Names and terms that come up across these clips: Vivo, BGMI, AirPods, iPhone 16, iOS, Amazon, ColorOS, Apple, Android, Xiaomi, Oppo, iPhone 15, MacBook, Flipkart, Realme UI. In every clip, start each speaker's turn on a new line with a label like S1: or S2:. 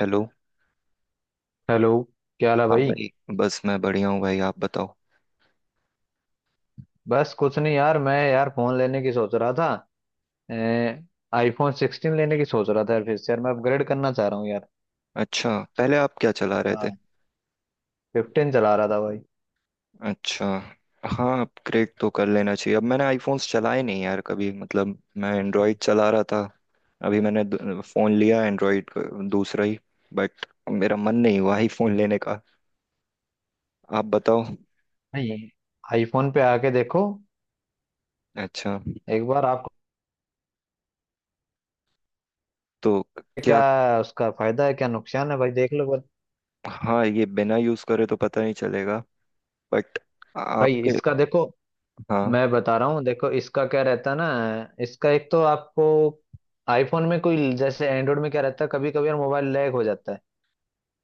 S1: Hello.
S2: Hello. क्या हाल है
S1: हाँ
S2: भाई।
S1: भाई। बस मैं बढ़िया हूँ भाई, आप बताओ।
S2: बस कुछ नहीं यार, मैं यार फोन लेने की सोच रहा था। आईफोन 16 लेने की सोच रहा था यार, फिर से यार मैं अपग्रेड करना चाह रहा हूँ यार।
S1: अच्छा। पहले आप क्या चला रहे थे?
S2: हाँ। 15 चला रहा था भाई।
S1: अच्छा। हाँ अपग्रेड तो कर लेना चाहिए, अब मैंने आईफोन्स चलाए नहीं यार कभी, मतलब मैं एंड्रॉयड चला रहा था। अभी मैंने फोन लिया एंड्रॉयड, दूसरा ही। बट मेरा मन नहीं हुआ आईफोन लेने का। आप बताओ।
S2: नहीं, आईफोन पे आके देखो
S1: अच्छा।
S2: एक बार आपको।
S1: तो
S2: क्या
S1: क्या?
S2: उसका फायदा है, क्या नुकसान है भाई, देख लो बस।
S1: हाँ, ये बिना यूज करे तो पता नहीं चलेगा। बट
S2: भाई
S1: आपके...
S2: इसका देखो,
S1: हाँ।
S2: मैं बता रहा हूँ। देखो, इसका क्या रहता है ना, इसका एक तो आपको आईफोन में कोई, जैसे एंड्रॉइड में क्या रहता है कभी कभी यार मोबाइल लैग हो जाता है।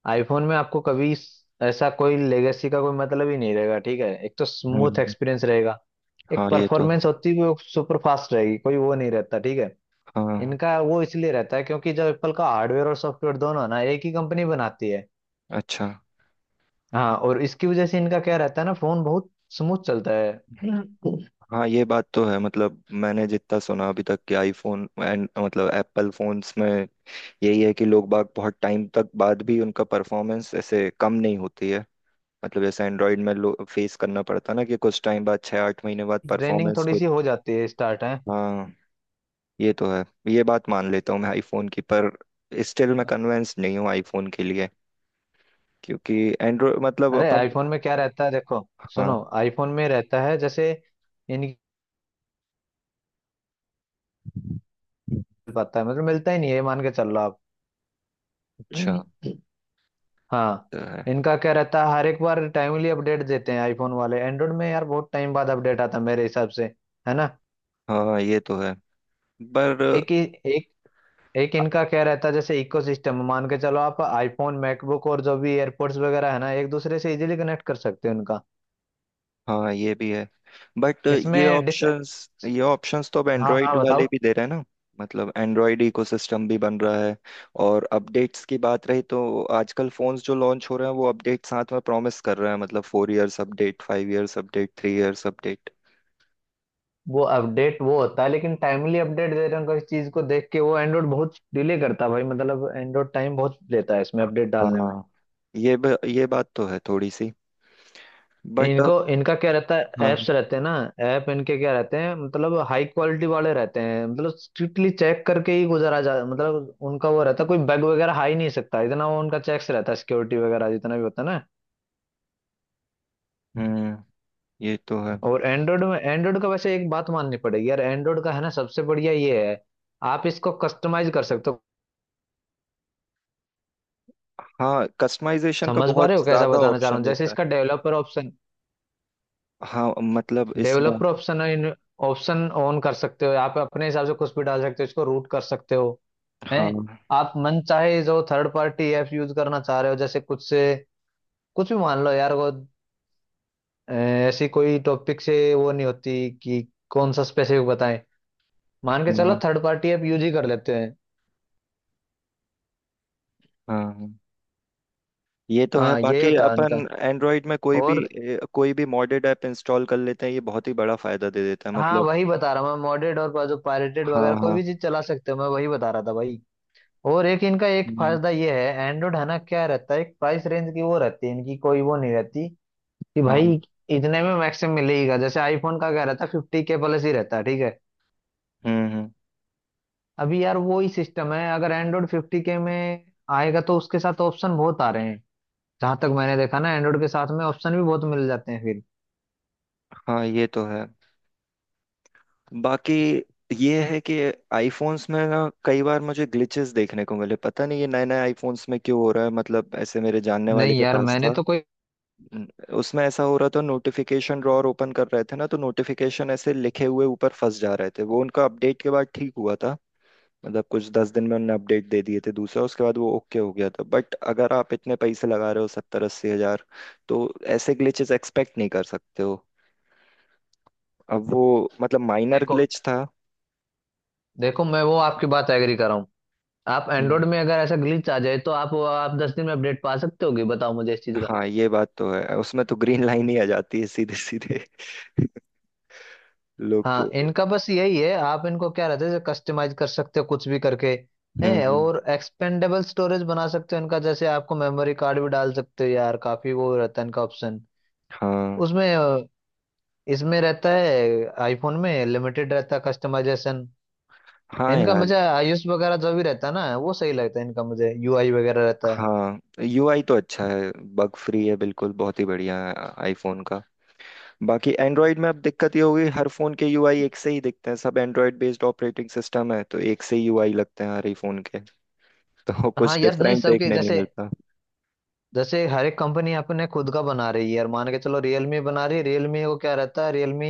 S2: आईफोन में आपको कभी ऐसा कोई लेगेसी का कोई मतलब ही नहीं रहेगा, ठीक है। एक तो स्मूथ
S1: हम्म,
S2: एक्सपीरियंस रहेगा। एक
S1: हाँ ये तो।
S2: परफॉर्मेंस होती है, वो सुपर फास्ट रहेगी, कोई वो नहीं रहता, ठीक है।
S1: हाँ।
S2: इनका वो इसलिए रहता है क्योंकि जब एप्पल का हार्डवेयर और सॉफ्टवेयर दोनों है ना, एक ही कंपनी बनाती है।
S1: अच्छा।
S2: हाँ, और इसकी वजह से इनका क्या रहता है ना, फोन बहुत स्मूथ चलता है।
S1: हाँ ये बात तो है, मतलब मैंने जितना सुना अभी तक कि आईफोन एंड मतलब एप्पल फोन्स में यही है कि लोग बाग बहुत टाइम तक बाद भी उनका परफॉर्मेंस ऐसे कम नहीं होती है। मतलब जैसे एंड्रॉयड में लो फेस करना पड़ता ना कि कुछ टाइम बाद, छः आठ महीने बाद
S2: ड्रेनिंग
S1: परफॉर्मेंस
S2: थोड़ी
S1: कुछ...
S2: सी हो जाती है, स्टार्ट है।
S1: हाँ ये तो है। ये बात मान लेता हूँ मैं आईफोन की, पर स्टिल मैं कन्विंस नहीं हूँ आईफोन के लिए, क्योंकि एंड्रॉयड मतलब
S2: अरे
S1: अपन...
S2: आईफोन में क्या रहता है देखो, सुनो
S1: हाँ।
S2: आईफोन में रहता है जैसे इनकी, पाता है मतलब मिलता ही नहीं है, मान के चल रहा
S1: अच्छा।
S2: आप। हाँ,
S1: तो है।
S2: इनका क्या रहता है, हर एक बार टाइमली अपडेट देते हैं आईफोन वाले। एंड्रॉइड में यार बहुत टाइम बाद अपडेट आता है मेरे हिसाब से, है ना।
S1: हाँ ये तो है, पर...
S2: एक ही एक एक इनका क्या रहता है जैसे इकोसिस्टम, मान के चलो आप आईफोन मैकबुक और जो भी एयरपोर्ट्स वगैरह है ना, एक दूसरे से इजीली कनेक्ट कर सकते हो इनका।
S1: हाँ ये भी है। बट ये
S2: इसमें डिस
S1: ऑप्शंस, ये ऑप्शंस तो अब
S2: हाँ, हाँ,
S1: एंड्रॉयड वाले
S2: बताओ।
S1: भी दे रहे हैं ना, मतलब एंड्रॉयड इकोसिस्टम भी बन रहा है। और अपडेट्स की बात रही तो आजकल फोन्स जो लॉन्च हो रहे हैं वो अपडेट साथ में प्रॉमिस कर रहे हैं, मतलब 4 years update, 5 years update, 3 years update.
S2: वो अपडेट वो होता है, लेकिन टाइमली अपडेट दे रहे हैं उनको, इस चीज को देख के। वो एंड्रॉइड बहुत डिले करता है भाई, मतलब एंड्रॉइड टाइम बहुत लेता है इसमें अपडेट डालने में।
S1: हाँ ये बात तो है थोड़ी सी। बट
S2: इनको,
S1: अब...
S2: इनका क्या रहता है,
S1: हाँ।
S2: ऐप्स रहते हैं ना। ऐप इनके क्या रहते हैं, मतलब हाई क्वालिटी वाले रहते हैं, मतलब स्ट्रिक्टली चेक करके ही गुजारा जा, मतलब उनका वो रहता है, कोई बैग वगैरह आ ही नहीं सकता, इतना वो उनका चेक्स रहता है, सिक्योरिटी वगैरह जितना भी होता है ना।
S1: हम्म, ये तो है।
S2: और एंड्रॉइड में, एंड्रॉइड का वैसे एक बात माननी पड़ेगी यार, एंड्रॉइड का है ना सबसे बढ़िया ये है, आप इसको कस्टमाइज कर सकते हो।
S1: हाँ, कस्टमाइजेशन का
S2: समझ पा रहे
S1: बहुत
S2: हो कैसा
S1: ज्यादा
S2: बताना चाह रहा
S1: ऑप्शन
S2: हूँ, जैसे
S1: देता है।
S2: इसका
S1: हाँ मतलब इसमें,
S2: डेवलपर ऑप्शन ऑप्शन ऑन कर सकते हो, आप अपने हिसाब से कुछ भी डाल सकते हो, इसको रूट कर सकते हो। हैं,
S1: हाँ
S2: आप मन चाहे जो थर्ड पार्टी ऐप यूज करना चाह रहे हो, जैसे कुछ से कुछ भी मान लो यार वो ऐसी कोई टॉपिक से वो नहीं होती कि कौन सा स्पेसिफिक बताएं, मान के चलो
S1: हाँ।
S2: थर्ड पार्टी ऐप यूज ही कर लेते हैं।
S1: हाँ हाँ। ये तो है।
S2: हाँ, ये
S1: बाकी
S2: होता है
S1: अपन
S2: उनका,
S1: एंड्रॉयड में
S2: और
S1: कोई भी मॉडेड ऐप इंस्टॉल कर लेते हैं, ये बहुत ही बड़ा फायदा दे देता है
S2: हाँ
S1: मतलब।
S2: वही बता रहा हूँ मैं, मॉडेड और जो पायरेटेड
S1: हाँ
S2: वगैरह कोई भी
S1: हाँ।
S2: चीज चला सकते हो, मैं वही बता रहा था भाई। और एक इनका एक
S1: हम्म,
S2: फायदा ये है, एंड्रॉइड है ना, क्या रहता है, एक प्राइस रेंज की वो रहती है इनकी, कोई वो नहीं रहती कि
S1: हाँ।
S2: भाई इतने में मैक्सिमम मिलेगा। जैसे आईफोन का क्या रहता है, 50K प्लस ही रहता है, ठीक है।
S1: हम्म।
S2: अभी यार वो ही सिस्टम है, अगर एंड्रॉइड 50K में आएगा तो उसके साथ ऑप्शन बहुत आ रहे हैं। जहां तक मैंने देखा ना, एंड्रॉइड के साथ में ऑप्शन भी बहुत मिल जाते हैं फिर।
S1: हाँ ये तो है। बाकी ये है कि आईफोन्स में ना कई बार मुझे ग्लिचेस देखने को मिले, पता नहीं ये नए नए आईफोन्स में क्यों हो रहा है, मतलब ऐसे मेरे जानने वाले
S2: नहीं
S1: के
S2: यार
S1: पास
S2: मैंने
S1: था।
S2: तो कोई,
S1: न- उसमें ऐसा हो रहा था, नोटिफिकेशन ड्रॉअर ओपन कर रहे थे ना तो नोटिफिकेशन ऐसे लिखे हुए ऊपर फंस जा रहे थे वो, उनका अपडेट के बाद ठीक हुआ था। मतलब कुछ 10 दिन में उनने अपडेट दे दिए थे, दूसरा उसके बाद वो ओके हो गया था, बट अगर आप इतने पैसे लगा रहे हो, 70-80 हजार, तो ऐसे ग्लिचेस एक्सपेक्ट नहीं कर सकते हो। अब वो, मतलब माइनर
S2: देखो,
S1: ग्लिच था।
S2: देखो मैं वो आपकी बात एग्री कर रहा हूँ। आप एंड्रॉइड
S1: हम्म।
S2: में अगर ऐसा ग्लिच आ जाए तो आप 10 दिन में अपडेट पा सकते होगे, बताओ मुझे इस चीज का।
S1: हाँ ये बात तो है, उसमें तो ग्रीन लाइन ही आ जाती है सीधे सीधे। लोग तो...
S2: हाँ, इनका बस यही है, आप इनको क्या रहता है कस्टमाइज कर सकते हो, कुछ भी करके। है,
S1: हम्म।
S2: और एक्सपेंडेबल स्टोरेज बना सकते हो इनका, जैसे आपको मेमोरी कार्ड भी डाल सकते हो यार, काफी वो रहता है इनका ऑप्शन
S1: हाँ
S2: उसमें। इसमें रहता है, आईफोन में लिमिटेड रहता है कस्टमाइजेशन।
S1: हाँ
S2: इनका
S1: यार।
S2: मुझे आयुष वगैरह जो भी रहता है ना, वो सही लगता है इनका मुझे, यूआई वगैरह रहता है।
S1: हाँ, यूआई तो अच्छा है, बग फ्री है बिल्कुल, बहुत ही बढ़िया है आईफोन का। बाकी एंड्रॉयड में अब दिक्कत ये होगी हर फोन के यूआई एक से ही दिखते हैं, सब एंड्रॉयड बेस्ड ऑपरेटिंग सिस्टम है तो एक से ही यूआई लगते हैं हर ही फोन के। तो
S2: हाँ
S1: कुछ
S2: यार, नहीं
S1: डिफरेंट
S2: सबके
S1: देखने नहीं
S2: जैसे,
S1: मिलता।
S2: जैसे हर एक कंपनी अपने खुद का बना रही है यार, मान के चलो रियलमी बना रही है, रियलमी को क्या रहता है, रियलमी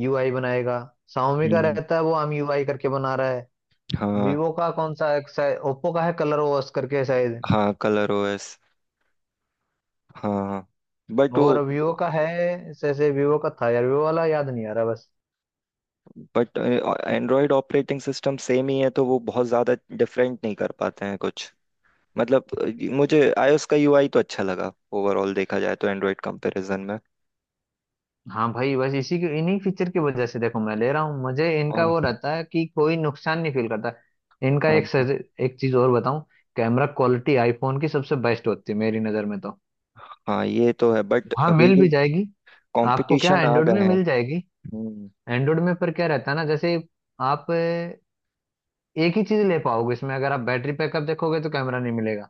S2: यूआई बनाएगा। शाओमी का
S1: हम्म।
S2: रहता है वो हम यूआई करके बना रहा है।
S1: हाँ
S2: वीवो का कौन सा एक, शायद ओप्पो का है कलर ओएस करके शायद,
S1: हाँ कलर ओएस। हाँ। बट
S2: और
S1: वो...
S2: वीवो का है, जैसे वीवो का था यार, वीवो वाला याद नहीं आ रहा बस।
S1: But Android operating system same ही है तो वो बहुत ज्यादा डिफरेंट नहीं कर पाते हैं कुछ। मतलब मुझे आईओएस का यूआई तो अच्छा लगा, ओवरऑल देखा जाए तो एंड्रॉयड कंपैरिजन में।
S2: हाँ भाई, बस इसी की, इन्हीं फीचर की वजह से देखो मैं ले रहा हूँ, मुझे इनका
S1: हाँ।
S2: वो रहता है कि कोई नुकसान नहीं फील करता इनका।
S1: हाँ हाँ।
S2: एक चीज और बताऊं, कैमरा क्वालिटी आईफोन की सबसे बेस्ट होती है मेरी नज़र में तो।
S1: हाँ, ये तो है, बट
S2: हाँ,
S1: अभी
S2: मिल भी
S1: भी
S2: जाएगी आपको, क्या
S1: कंपटीशन आ
S2: एंड्रॉइड में
S1: गए हैं।
S2: मिल जाएगी।
S1: हम्म।
S2: एंड्रॉइड में पर क्या रहता है ना जैसे, आप एक ही चीज ले पाओगे इसमें। अगर आप बैटरी बैकअप देखोगे तो कैमरा नहीं मिलेगा,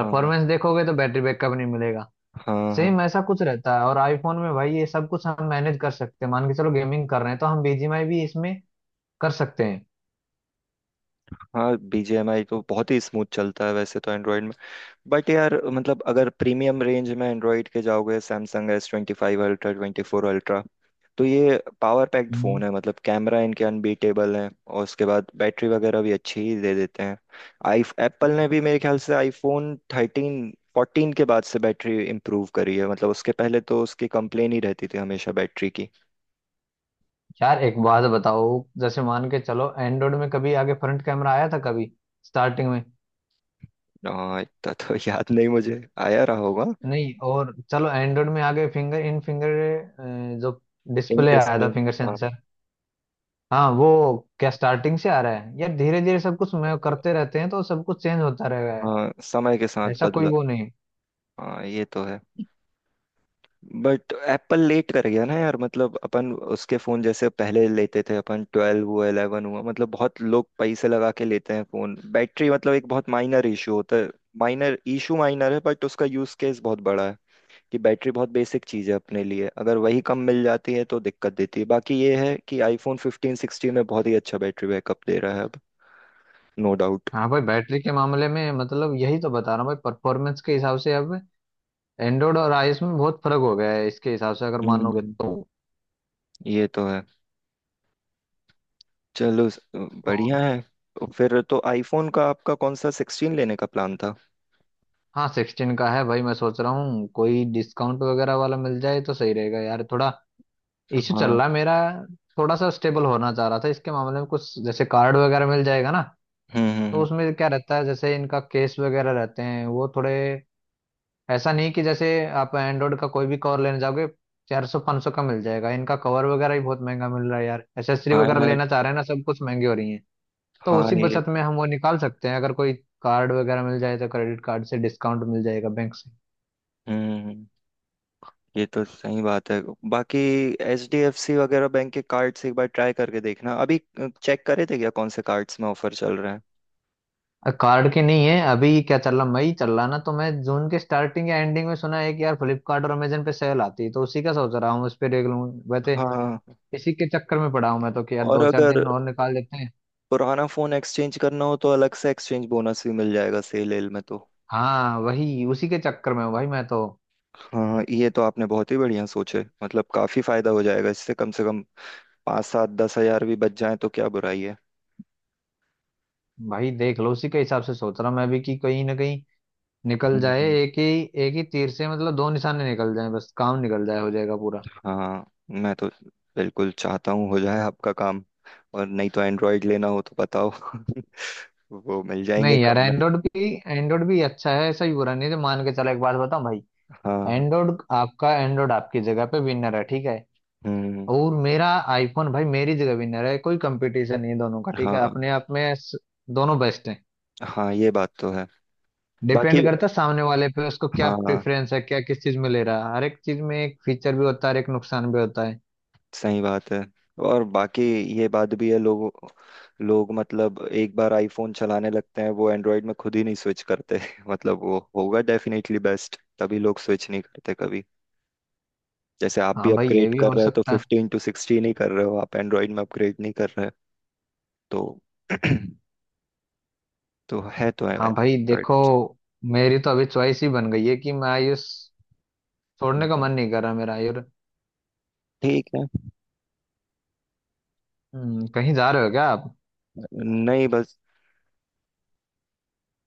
S1: हाँ।
S2: देखोगे तो बैटरी बैकअप नहीं मिलेगा,
S1: हाँ हाँ।
S2: सेम ऐसा कुछ रहता है। और आईफोन में भाई ये सब कुछ हम मैनेज कर सकते हैं, मान के चलो गेमिंग कर रहे हैं तो हम बीजीएमआई भी इसमें कर सकते हैं।
S1: हाँ BGMI तो बहुत ही स्मूथ चलता है वैसे तो एंड्रॉयड में। बट यार मतलब अगर प्रीमियम रेंज में एंड्रॉयड के जाओगे, सैमसंग S25 अल्ट्रा, 24 अल्ट्रा, तो ये पावर पैक्ड
S2: हम्म।
S1: फ़ोन है, मतलब कैमरा इनके अनबीटेबल है और उसके बाद बैटरी वगैरह भी अच्छी ही दे देते हैं। आई एप्पल ने भी मेरे ख्याल से iPhone 13 14 के बाद से बैटरी इम्प्रूव करी है, मतलब उसके पहले तो उसकी कंप्लेन ही रहती थी हमेशा बैटरी की।
S2: यार एक बात बताओ, जैसे मान के चलो एंड्रॉइड में कभी आगे फ्रंट कैमरा आया था कभी, स्टार्टिंग में?
S1: हाँ इतना तो याद नहीं मुझे, आया रहा होगा।
S2: नहीं, और चलो एंड्रॉइड में आगे फिंगर जो डिस्प्ले आया था,
S1: इनडिसिप्लिन।
S2: फिंगर
S1: हाँ।
S2: सेंसर। हाँ वो क्या स्टार्टिंग से आ रहा है यार, धीरे धीरे सब कुछ मैं करते रहते हैं तो सब कुछ चेंज होता रहेगा है,
S1: हाँ, समय के साथ
S2: ऐसा कोई
S1: बदला।
S2: वो नहीं है।
S1: हाँ ये तो है। बट एप्पल लेट कर गया ना यार, मतलब अपन उसके फोन जैसे पहले लेते थे अपन, 12 हुआ, 11 हुआ, मतलब बहुत लोग पैसे लगा के लेते हैं फोन, बैटरी मतलब एक बहुत माइनर इशू होता है। माइनर इशू माइनर है बट उसका यूज केस बहुत बड़ा है कि बैटरी बहुत बेसिक चीज है अपने लिए, अगर वही कम मिल जाती है तो दिक्कत देती है। बाकी ये है कि iPhone 15 16 में बहुत ही अच्छा बैटरी बैकअप दे रहा है अब। No doubt.
S2: हाँ भाई, बैटरी के मामले में मतलब यही तो बता रहा हूँ भाई, परफॉर्मेंस के हिसाब से अब एंड्रॉइड और आईओएस में बहुत फर्क हो गया है इसके हिसाब से, अगर मानोगे
S1: हम्म,
S2: तो।
S1: ये तो है। चलो
S2: और
S1: बढ़िया है। तो फिर तो आईफोन का आपका कौन सा 16 लेने का प्लान था?
S2: हाँ, 16 का है भाई, मैं सोच रहा हूँ कोई डिस्काउंट वगैरह वाला मिल जाए तो सही रहेगा यार। थोड़ा इश्यू चल
S1: हाँ।
S2: रहा है मेरा, थोड़ा सा स्टेबल होना चाह रहा था इसके मामले में। कुछ जैसे कार्ड वगैरह मिल जाएगा ना, तो
S1: हम्म।
S2: उसमें क्या रहता है, जैसे इनका केस वगैरह रहते हैं वो थोड़े, ऐसा नहीं कि जैसे आप एंड्रॉइड का कोई भी कवर लेने जाओगे, 400 500 का मिल जाएगा। इनका कवर वगैरह ही बहुत महंगा मिल रहा है यार, एसेसरी
S1: हाँ
S2: वगैरह
S1: यार।
S2: लेना चाह रहे हैं ना, सब कुछ महंगी हो रही है। तो
S1: हाँ
S2: उसी
S1: ये...
S2: बचत में हम वो निकाल सकते हैं, अगर कोई कार्ड वगैरह मिल जाए, तो क्रेडिट कार्ड से डिस्काउंट मिल जाएगा बैंक
S1: हम्म हम्म, हम्म। ये तो सही बात है। बाकी HDFC वगैरह बैंक के कार्ड्स एक बार ट्राई करके देखना, अभी चेक करे थे क्या, कौन से कार्ड्स में ऑफर चल रहा है।
S2: कार्ड की। नहीं है अभी, क्या चल रहा, मई चल रहा ना, तो मैं जून के स्टार्टिंग या एंडिंग में सुना है कि यार फ्लिपकार्ट और अमेजन पे सेल आती है, तो उसी का सोच रहा हूँ, उस पे देख लूँ वैसे।
S1: हाँ।
S2: इसी के चक्कर में पड़ा हूँ मैं तो, कि यार
S1: और
S2: दो चार
S1: अगर
S2: दिन और निकाल लेते हैं।
S1: पुराना फोन एक्सचेंज करना हो तो अलग से एक्सचेंज बोनस भी मिल जाएगा सेल एल में तो।
S2: हाँ, वही उसी के चक्कर में हूँ भाई मैं तो।
S1: हाँ, ये तो आपने बहुत ही बढ़िया सोचे, मतलब काफी फायदा हो जाएगा इससे, कम से कम 5, 7, 10 हजार भी बच जाए तो क्या बुराई है।
S2: भाई देख लो, उसी के हिसाब से सोच रहा हूँ मैं भी, कि कहीं ना कहीं निकल जाए
S1: हम्म।
S2: एक ही, एक ही तीर से मतलब दो निशाने निकल जाए, बस काम निकल जाए, हो जाएगा पूरा।
S1: हाँ मैं तो बिल्कुल चाहता हूँ हो जाए आपका काम। और नहीं तो एंड्रॉयड लेना हो तो बताओ। वो मिल जाएंगे
S2: नहीं यार,
S1: कम में।
S2: एंड्रॉइड भी अच्छा है, ऐसा ही बुरा नहीं है। तो मान के चलो, एक बात बताऊँ भाई,
S1: हाँ।
S2: एंड्रॉइड आपकी जगह पे विनर है, ठीक है।
S1: हम्म।
S2: और मेरा आईफोन भाई मेरी जगह विनर है, कोई कंपटीशन नहीं है दोनों का, ठीक है।
S1: हाँ
S2: अपने आप में दोनों बेस्ट हैं।
S1: हाँ, ये बात तो है। बाकी...
S2: डिपेंड करता है सामने वाले पे, उसको क्या
S1: हाँ,
S2: प्रेफरेंस है, क्या किस चीज में ले रहा है, हर एक चीज में एक फीचर भी होता है, हर एक नुकसान भी होता है।
S1: सही बात है। और बाकी ये बात भी है लोगों... लोग मतलब एक बार आईफोन चलाने लगते हैं वो एंड्रॉयड में खुद ही नहीं स्विच करते। मतलब वो होगा डेफिनेटली बेस्ट, तभी लोग स्विच नहीं करते कभी। जैसे आप भी
S2: हाँ भाई, ये
S1: अपग्रेड
S2: भी
S1: कर
S2: हो
S1: रहे हो तो
S2: सकता है।
S1: 15 to 16 ही कर रहे हो, आप एंड्रॉइड में अपग्रेड नहीं कर रहे। तो तो है, तो है
S2: हाँ भाई देखो,
S1: Android।
S2: मेरी तो अभी चॉइस ही बन गई है कि मैं आयुष छोड़ने का मन नहीं कर रहा मेरा आयुर।
S1: ठीक है।
S2: कहीं जा रहे हो क्या आप?
S1: नहीं बस।